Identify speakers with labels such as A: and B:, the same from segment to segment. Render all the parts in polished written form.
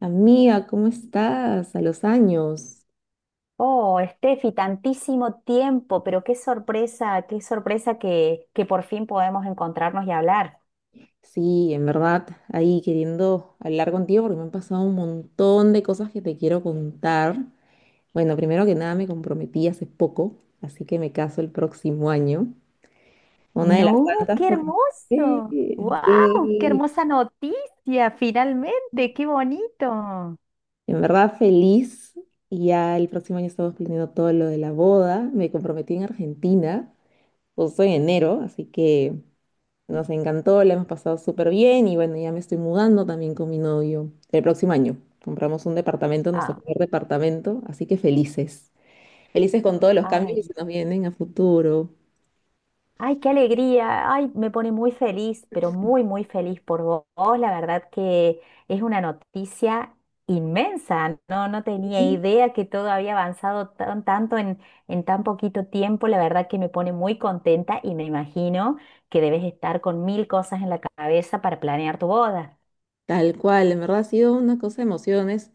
A: Amiga, ¿cómo estás? A los años.
B: Oh, Steffi, tantísimo tiempo, pero qué sorpresa, qué sorpresa que por fin podemos encontrarnos y hablar.
A: Sí, en verdad, ahí queriendo hablar contigo porque me han pasado un montón de cosas que te quiero contar. Bueno, primero que nada me comprometí hace poco, así que me caso el próximo año. Una de las
B: No,
A: tantas
B: qué
A: cosas. Sí,
B: hermoso. ¡Wow! ¡Qué
A: sí.
B: hermosa noticia! Finalmente, qué bonito.
A: En verdad feliz. Y ya el próximo año estamos planeando todo lo de la boda. Me comprometí en Argentina, justo en enero, así que... Nos encantó, la hemos pasado súper bien y bueno, ya me estoy mudando también con mi novio el próximo año. Compramos un departamento, nuestro
B: Ah,
A: primer departamento, así que felices. Felices con todos los cambios
B: ay.
A: que se nos vienen a futuro.
B: Ay, qué alegría. Ay, me pone muy feliz, pero muy, muy feliz por vos. La verdad que es una noticia inmensa. No, no tenía
A: Sí.
B: idea que todo había avanzado tanto en tan poquito tiempo. La verdad que me pone muy contenta y me imagino que debes estar con mil cosas en la cabeza para planear tu boda.
A: Tal cual, en verdad ha sido una cosa de emociones.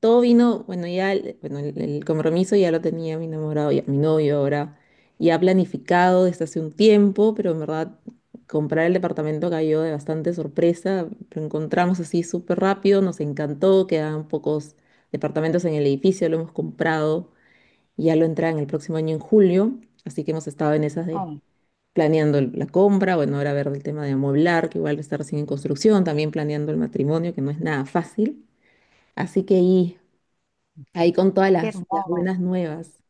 A: Todo vino, bueno, ya el compromiso ya lo tenía mi enamorado, ya, mi novio ahora, ya planificado desde hace un tiempo, pero en verdad comprar el departamento cayó de bastante sorpresa, lo encontramos así súper rápido, nos encantó, quedaban pocos departamentos en el edificio, lo hemos comprado, ya lo entra en el próximo año en julio, así que hemos estado en esas de
B: Oh,
A: la compra. Bueno, ahora ver el tema de amueblar, que igual está recién en construcción, también planeando el matrimonio, que no es nada fácil. Así que ahí con todas
B: qué
A: las, las
B: hermoso.
A: buenas nuevas.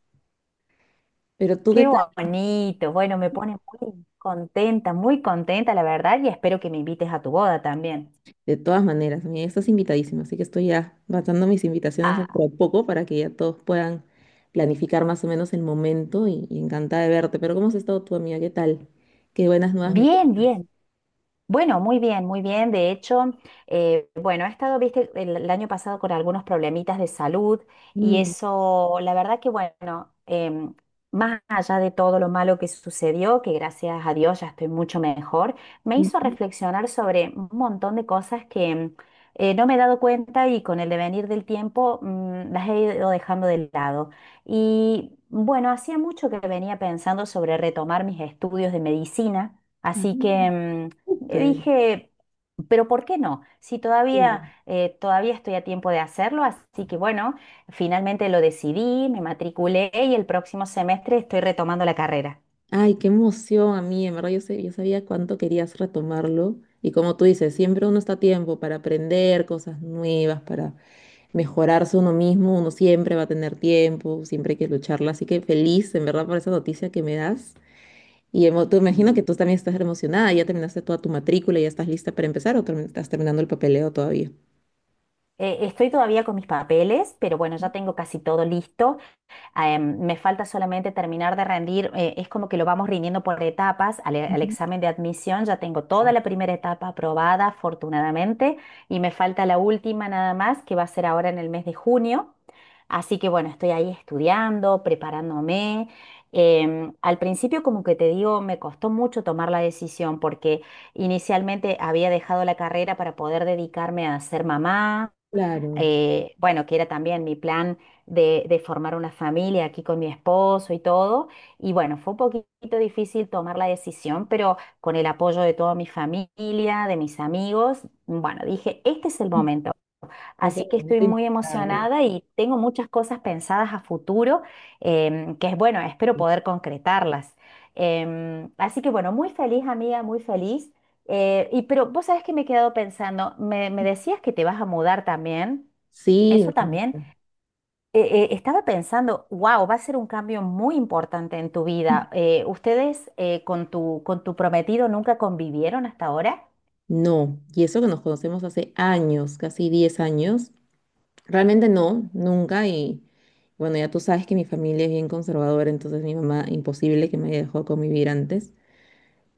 A: Pero tú, ¿qué
B: Qué
A: tal?
B: bonito. Bueno, me pone muy contenta, la verdad, y espero que me invites a tu boda también.
A: De todas maneras, mira, estás invitadísimo, así que estoy ya lanzando mis invitaciones
B: Ah,
A: dentro de poco para que ya todos puedan planificar más o menos el momento y encantada de verte. Pero ¿cómo has estado tú, amiga? ¿Qué tal? Qué buenas nuevas me
B: bien,
A: cuentas.
B: bien. Bueno, muy bien, muy bien. De hecho, bueno, he estado, viste, el año pasado con algunos problemitas de salud y
A: Mm,
B: eso, la verdad que, bueno, más allá de todo lo malo que sucedió, que gracias a Dios ya estoy mucho mejor, me hizo
A: ujú.
B: reflexionar sobre un montón de cosas no me he dado cuenta y con el devenir del tiempo las he ido dejando de lado. Y bueno, hacía mucho que venía pensando sobre retomar mis estudios de medicina,
A: Ah,
B: así que. Le
A: súper,
B: dije, pero ¿por qué no? Si todavía,
A: chévere.
B: todavía estoy a tiempo de hacerlo, así que bueno, finalmente lo decidí, me matriculé y el próximo semestre estoy retomando la carrera.
A: Ay, qué emoción a mí, en verdad yo, sé, yo sabía cuánto querías retomarlo y como tú dices, siempre uno está a tiempo para aprender cosas nuevas, para mejorarse uno mismo, uno siempre va a tener tiempo, siempre hay que lucharla. Así que feliz, en verdad, por esa noticia que me das. Y tú
B: Mm.
A: imagino que tú también estás emocionada, ya terminaste toda tu matrícula, ya estás lista para empezar o estás terminando el papeleo todavía.
B: Estoy todavía con mis papeles, pero bueno, ya tengo casi todo listo. Me falta solamente terminar de rendir, es como que lo vamos rindiendo por etapas. Al
A: Ujú.
B: examen de admisión ya tengo toda la primera etapa aprobada, afortunadamente, y me falta la última nada más, que va a ser ahora en el mes de junio. Así que bueno, estoy ahí estudiando, preparándome. Al principio, como que te digo, me costó mucho tomar la decisión porque inicialmente había dejado la carrera para poder dedicarme a ser mamá.
A: Claro,
B: Bueno, que era también mi plan de formar una familia aquí con mi esposo y todo. Y bueno, fue un poquito difícil tomar la decisión, pero con el apoyo de toda mi familia, de mis amigos, bueno, dije, este es el momento.
A: es el
B: Así que estoy
A: momento
B: muy
A: indicado.
B: emocionada y tengo muchas cosas pensadas a futuro, que es bueno, espero poder concretarlas. Así que bueno, muy feliz, amiga, muy feliz. Y pero vos sabés que me he quedado pensando, me decías que te vas a mudar también.
A: Sí,
B: Eso también. eh, estaba pensando, wow, va a ser un cambio muy importante en tu vida. ¿Ustedes con con tu prometido nunca convivieron hasta ahora?
A: no, y eso que nos conocemos hace años, casi 10 años, realmente no, nunca, y bueno, ya tú sabes que mi familia es bien conservadora, entonces mi mamá, imposible que me haya dejado convivir antes.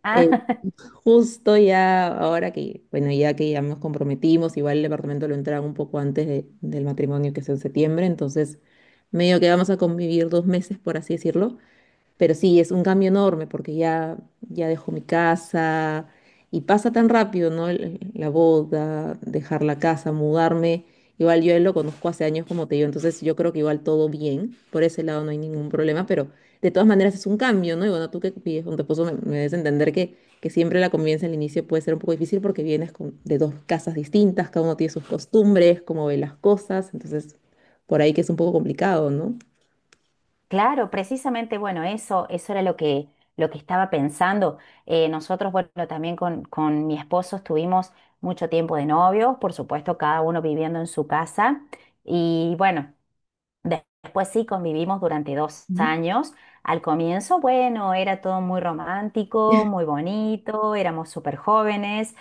B: Ah,
A: Eh, Justo ya ahora que, bueno, ya que ya nos comprometimos, igual el departamento lo entraron un poco antes del matrimonio que es en septiembre, entonces medio que vamos a convivir 2 meses, por así decirlo. Pero sí, es un cambio enorme porque ya dejo mi casa y pasa tan rápido, ¿no? La boda, dejar la casa, mudarme. Igual yo a él lo conozco hace años como te digo, entonces yo creo que igual todo bien, por ese lado no hay ningún problema, pero de todas maneras es un cambio, ¿no? Y bueno, tú que vives con tu esposo me debes entender que siempre la convivencia al inicio puede ser un poco difícil porque vienes de dos casas distintas, cada uno tiene sus costumbres, cómo ve las cosas, entonces por ahí que es un poco complicado, ¿no?
B: claro, precisamente, bueno, eso era lo lo que estaba pensando. Nosotros, bueno, también con mi esposo estuvimos mucho tiempo de novios, por supuesto, cada uno viviendo en su casa. Y bueno. Después sí convivimos durante dos
A: Ujú.
B: años. Al comienzo, bueno, era todo muy romántico, muy bonito, éramos súper jóvenes,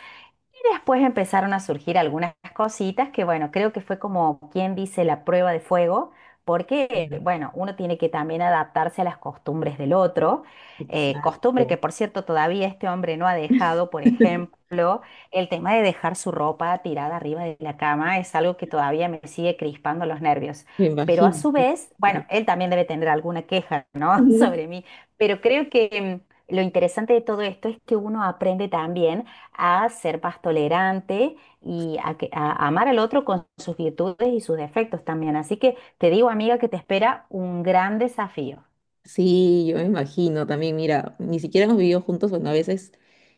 B: y después empezaron a surgir algunas cositas que, bueno, creo que fue como quien dice la prueba de fuego, porque,
A: Claro,
B: bueno, uno tiene que también adaptarse a las costumbres del otro. Costumbre
A: exacto.
B: que, por cierto, todavía este hombre no ha dejado, por ejemplo, el tema de dejar su ropa tirada arriba de la cama es algo que todavía me sigue crispando los nervios.
A: Me
B: Pero a
A: imagino.
B: su vez,
A: Pero...
B: bueno, él también debe tener alguna queja, ¿no? sobre mí, pero creo que. Lo interesante de todo esto es que uno aprende también a ser más tolerante y a amar al otro con sus virtudes y sus defectos también. Así que te digo, amiga, que te espera un gran desafío.
A: Sí, yo me imagino también. Mira, ni siquiera hemos vivido juntos. Bueno, a veces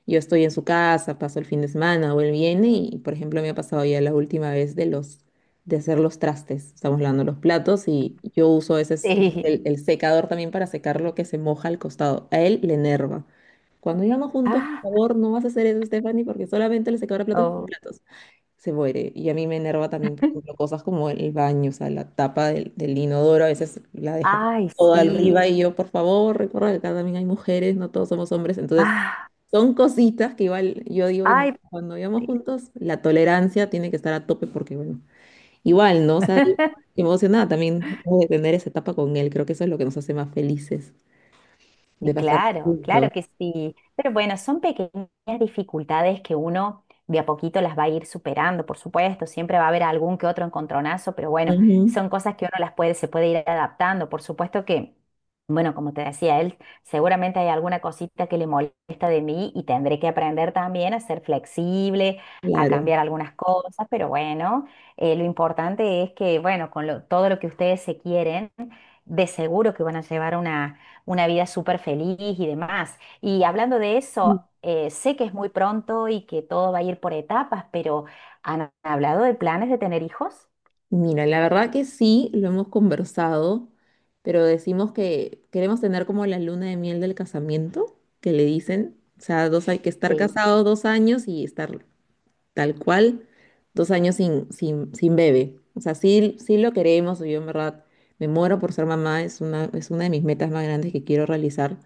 A: yo estoy en su casa, paso el fin de semana o él viene y, por ejemplo, me ha pasado ya la última vez de los de hacer los trastes. Estamos lavando los platos y yo uso a veces como
B: Sí.
A: el secador también para secar lo que se moja al costado. A él le enerva. Cuando llegamos juntos, por
B: Ah,
A: favor, no vas a hacer eso, Stephanie, porque solamente el secador de platos es para
B: oh.
A: platos. Se muere. Y a mí me enerva también, por ejemplo, cosas como el baño, o sea, la tapa del inodoro a veces la deja
B: Ay,
A: toda
B: sí.
A: arriba y yo, por favor, recuerda que acá también hay mujeres, no todos somos hombres. Entonces,
B: Ah,
A: son cositas que igual yo digo, "Bueno,
B: ay,
A: cuando vivamos
B: sí.
A: juntos, la tolerancia tiene que estar a tope porque, bueno, igual, ¿no?". O sea, yo emocionada también de tener esa etapa con él. Creo que eso es lo que nos hace más felices,
B: Y
A: de pasar
B: claro, claro
A: juntos.
B: que sí. Pero bueno, son pequeñas dificultades que uno de a poquito las va a ir superando, por supuesto. Siempre va a haber algún que otro encontronazo, pero bueno,
A: Ujú,
B: son cosas que uno las puede, se puede ir adaptando. Por supuesto que, bueno, como te decía él, seguramente hay alguna cosita que le molesta de mí y tendré que aprender también a ser flexible, a
A: claro.
B: cambiar algunas cosas, pero bueno, lo importante es que, bueno, con todo lo que ustedes se quieren, de seguro que van a llevar una vida súper feliz y demás. Y hablando de eso, sé que es muy pronto y que todo va a ir por etapas, pero ¿han hablado de planes de tener hijos?
A: Mira, la verdad que sí, lo hemos conversado, pero decimos que queremos tener como la luna de miel del casamiento, que le dicen, o sea, dos, hay que estar
B: Sí.
A: casados 2 años y estar tal cual, 2 años sin bebé. O sea, sí, sí lo queremos, yo en verdad me muero por ser mamá, es una de mis metas más grandes que quiero realizar.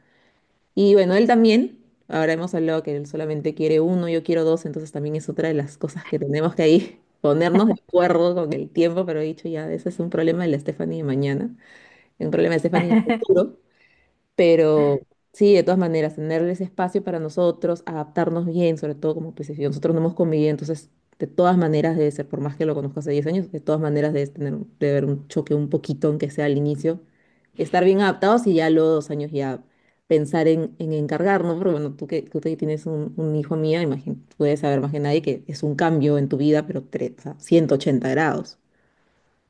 A: Y bueno, él también, ahora hemos hablado que él solamente quiere uno, yo quiero dos, entonces también es otra de las cosas que tenemos que ahí ponernos de acuerdo con el tiempo, pero he dicho ya, ese es un problema de la Stephanie de mañana, un problema de Stephanie del futuro. Pero sí, de todas maneras, tenerles espacio para nosotros, adaptarnos bien, sobre todo como pues, si nosotros no hemos convivido, entonces de todas maneras debe ser, por más que lo conozco hace 10 años, de todas maneras debe tener, debe haber un choque un poquito, aunque sea al inicio, estar bien adaptados y ya a los 2 años ya pensar en encargarnos, porque bueno, tú que tienes un hijo mía, imagínate, tú debes saber más que nadie que es un cambio en tu vida, pero o sea, 180 grados.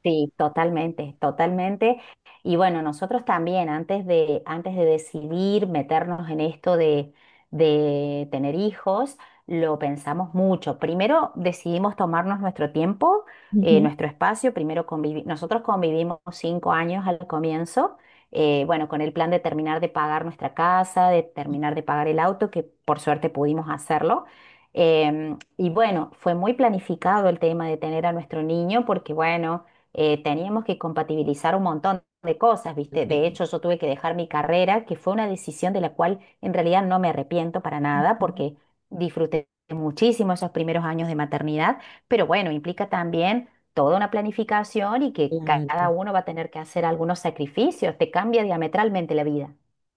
B: Sí, totalmente, totalmente. Y bueno, nosotros también, antes antes de decidir meternos en esto de tener hijos, lo pensamos mucho. Primero decidimos tomarnos nuestro tiempo,
A: Ujú.
B: nuestro espacio. Nosotros convivimos 5 años al comienzo, bueno, con el plan de terminar de pagar nuestra casa, de terminar de pagar el auto, que por suerte pudimos hacerlo. Y bueno, fue muy planificado el tema de tener a nuestro niño, porque bueno teníamos que compatibilizar un montón de cosas, ¿viste?
A: Eh,
B: De hecho, yo tuve que dejar mi carrera, que fue una decisión de la cual en realidad no me arrepiento para nada, porque disfruté muchísimo esos primeros años de maternidad, pero bueno, implica también toda una planificación y que cada
A: Ujú.
B: uno va a tener que hacer algunos sacrificios, te cambia diametralmente la vida.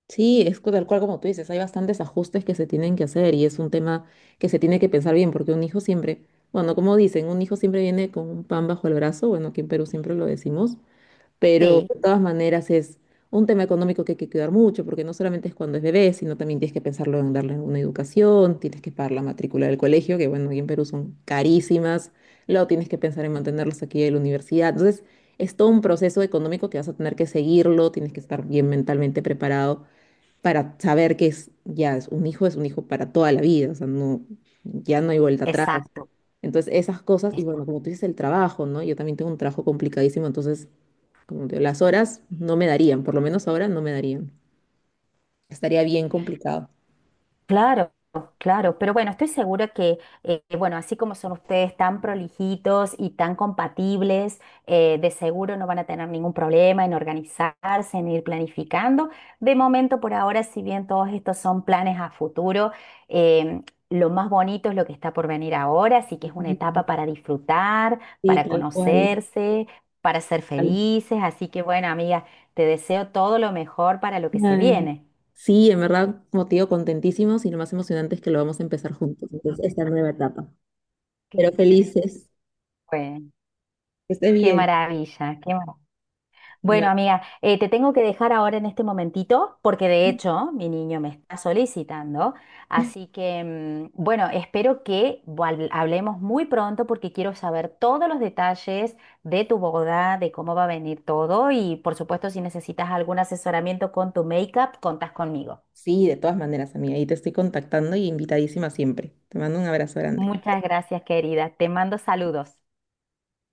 A: Sí, es tal cual como tú dices, hay bastantes ajustes que se tienen que hacer y es un tema que se tiene que pensar bien, porque un hijo siempre, bueno, como dicen, un hijo siempre viene con un pan bajo el brazo, bueno, aquí en Perú siempre lo decimos, pero
B: Sí.
A: de todas maneras es un tema económico que hay que cuidar mucho, porque no solamente es cuando es bebé, sino también tienes que pensarlo en darle una educación, tienes que pagar la matrícula del colegio, que bueno, aquí en Perú son carísimas, luego tienes que pensar en mantenerlos aquí en la universidad, entonces es todo un proceso económico que vas a tener que seguirlo, tienes que estar bien mentalmente preparado para saber que es, ya es un hijo para toda la vida, o sea, no, ya no hay vuelta atrás.
B: Exacto.
A: Entonces, esas cosas, y bueno,
B: Exacto.
A: como tú dices, el trabajo, ¿no? Yo también tengo un trabajo complicadísimo, entonces, como te digo, las horas no me darían, por lo menos ahora no me darían. Estaría bien complicado.
B: Claro, claro, pero bueno, estoy segura que, bueno, así como son ustedes tan prolijitos y tan compatibles, de seguro no van a tener ningún problema en organizarse, en ir planificando. De momento, por ahora, si bien todos estos son planes a futuro, em, lo más bonito es lo que está por venir ahora, así que es una etapa para disfrutar,
A: Sí, sí,
B: para
A: tal cual.
B: conocerse, para ser
A: Tal
B: felices. Así que, bueno, amiga, te deseo todo lo mejor para lo que se
A: cual.
B: viene.
A: Sí, en verdad, como te digo, contentísimos y lo más emocionante es que lo vamos a empezar juntos, entonces, esta nueva etapa. Pero
B: Claro.
A: felices,
B: Bueno.
A: que esté
B: Qué
A: bien.
B: maravilla, qué maravilla. Bueno, amiga, te tengo que dejar ahora en este momentito porque de hecho mi niño me está solicitando, así que, bueno, espero que hablemos muy pronto porque quiero saber todos los detalles de tu boda, de cómo va a venir todo y por supuesto si necesitas algún asesoramiento con tu make-up, contás conmigo.
A: Sí, de todas maneras, amiga, ahí te estoy contactando y invitadísima siempre. Te mando un abrazo grande.
B: Muchas gracias, querida. Te mando saludos.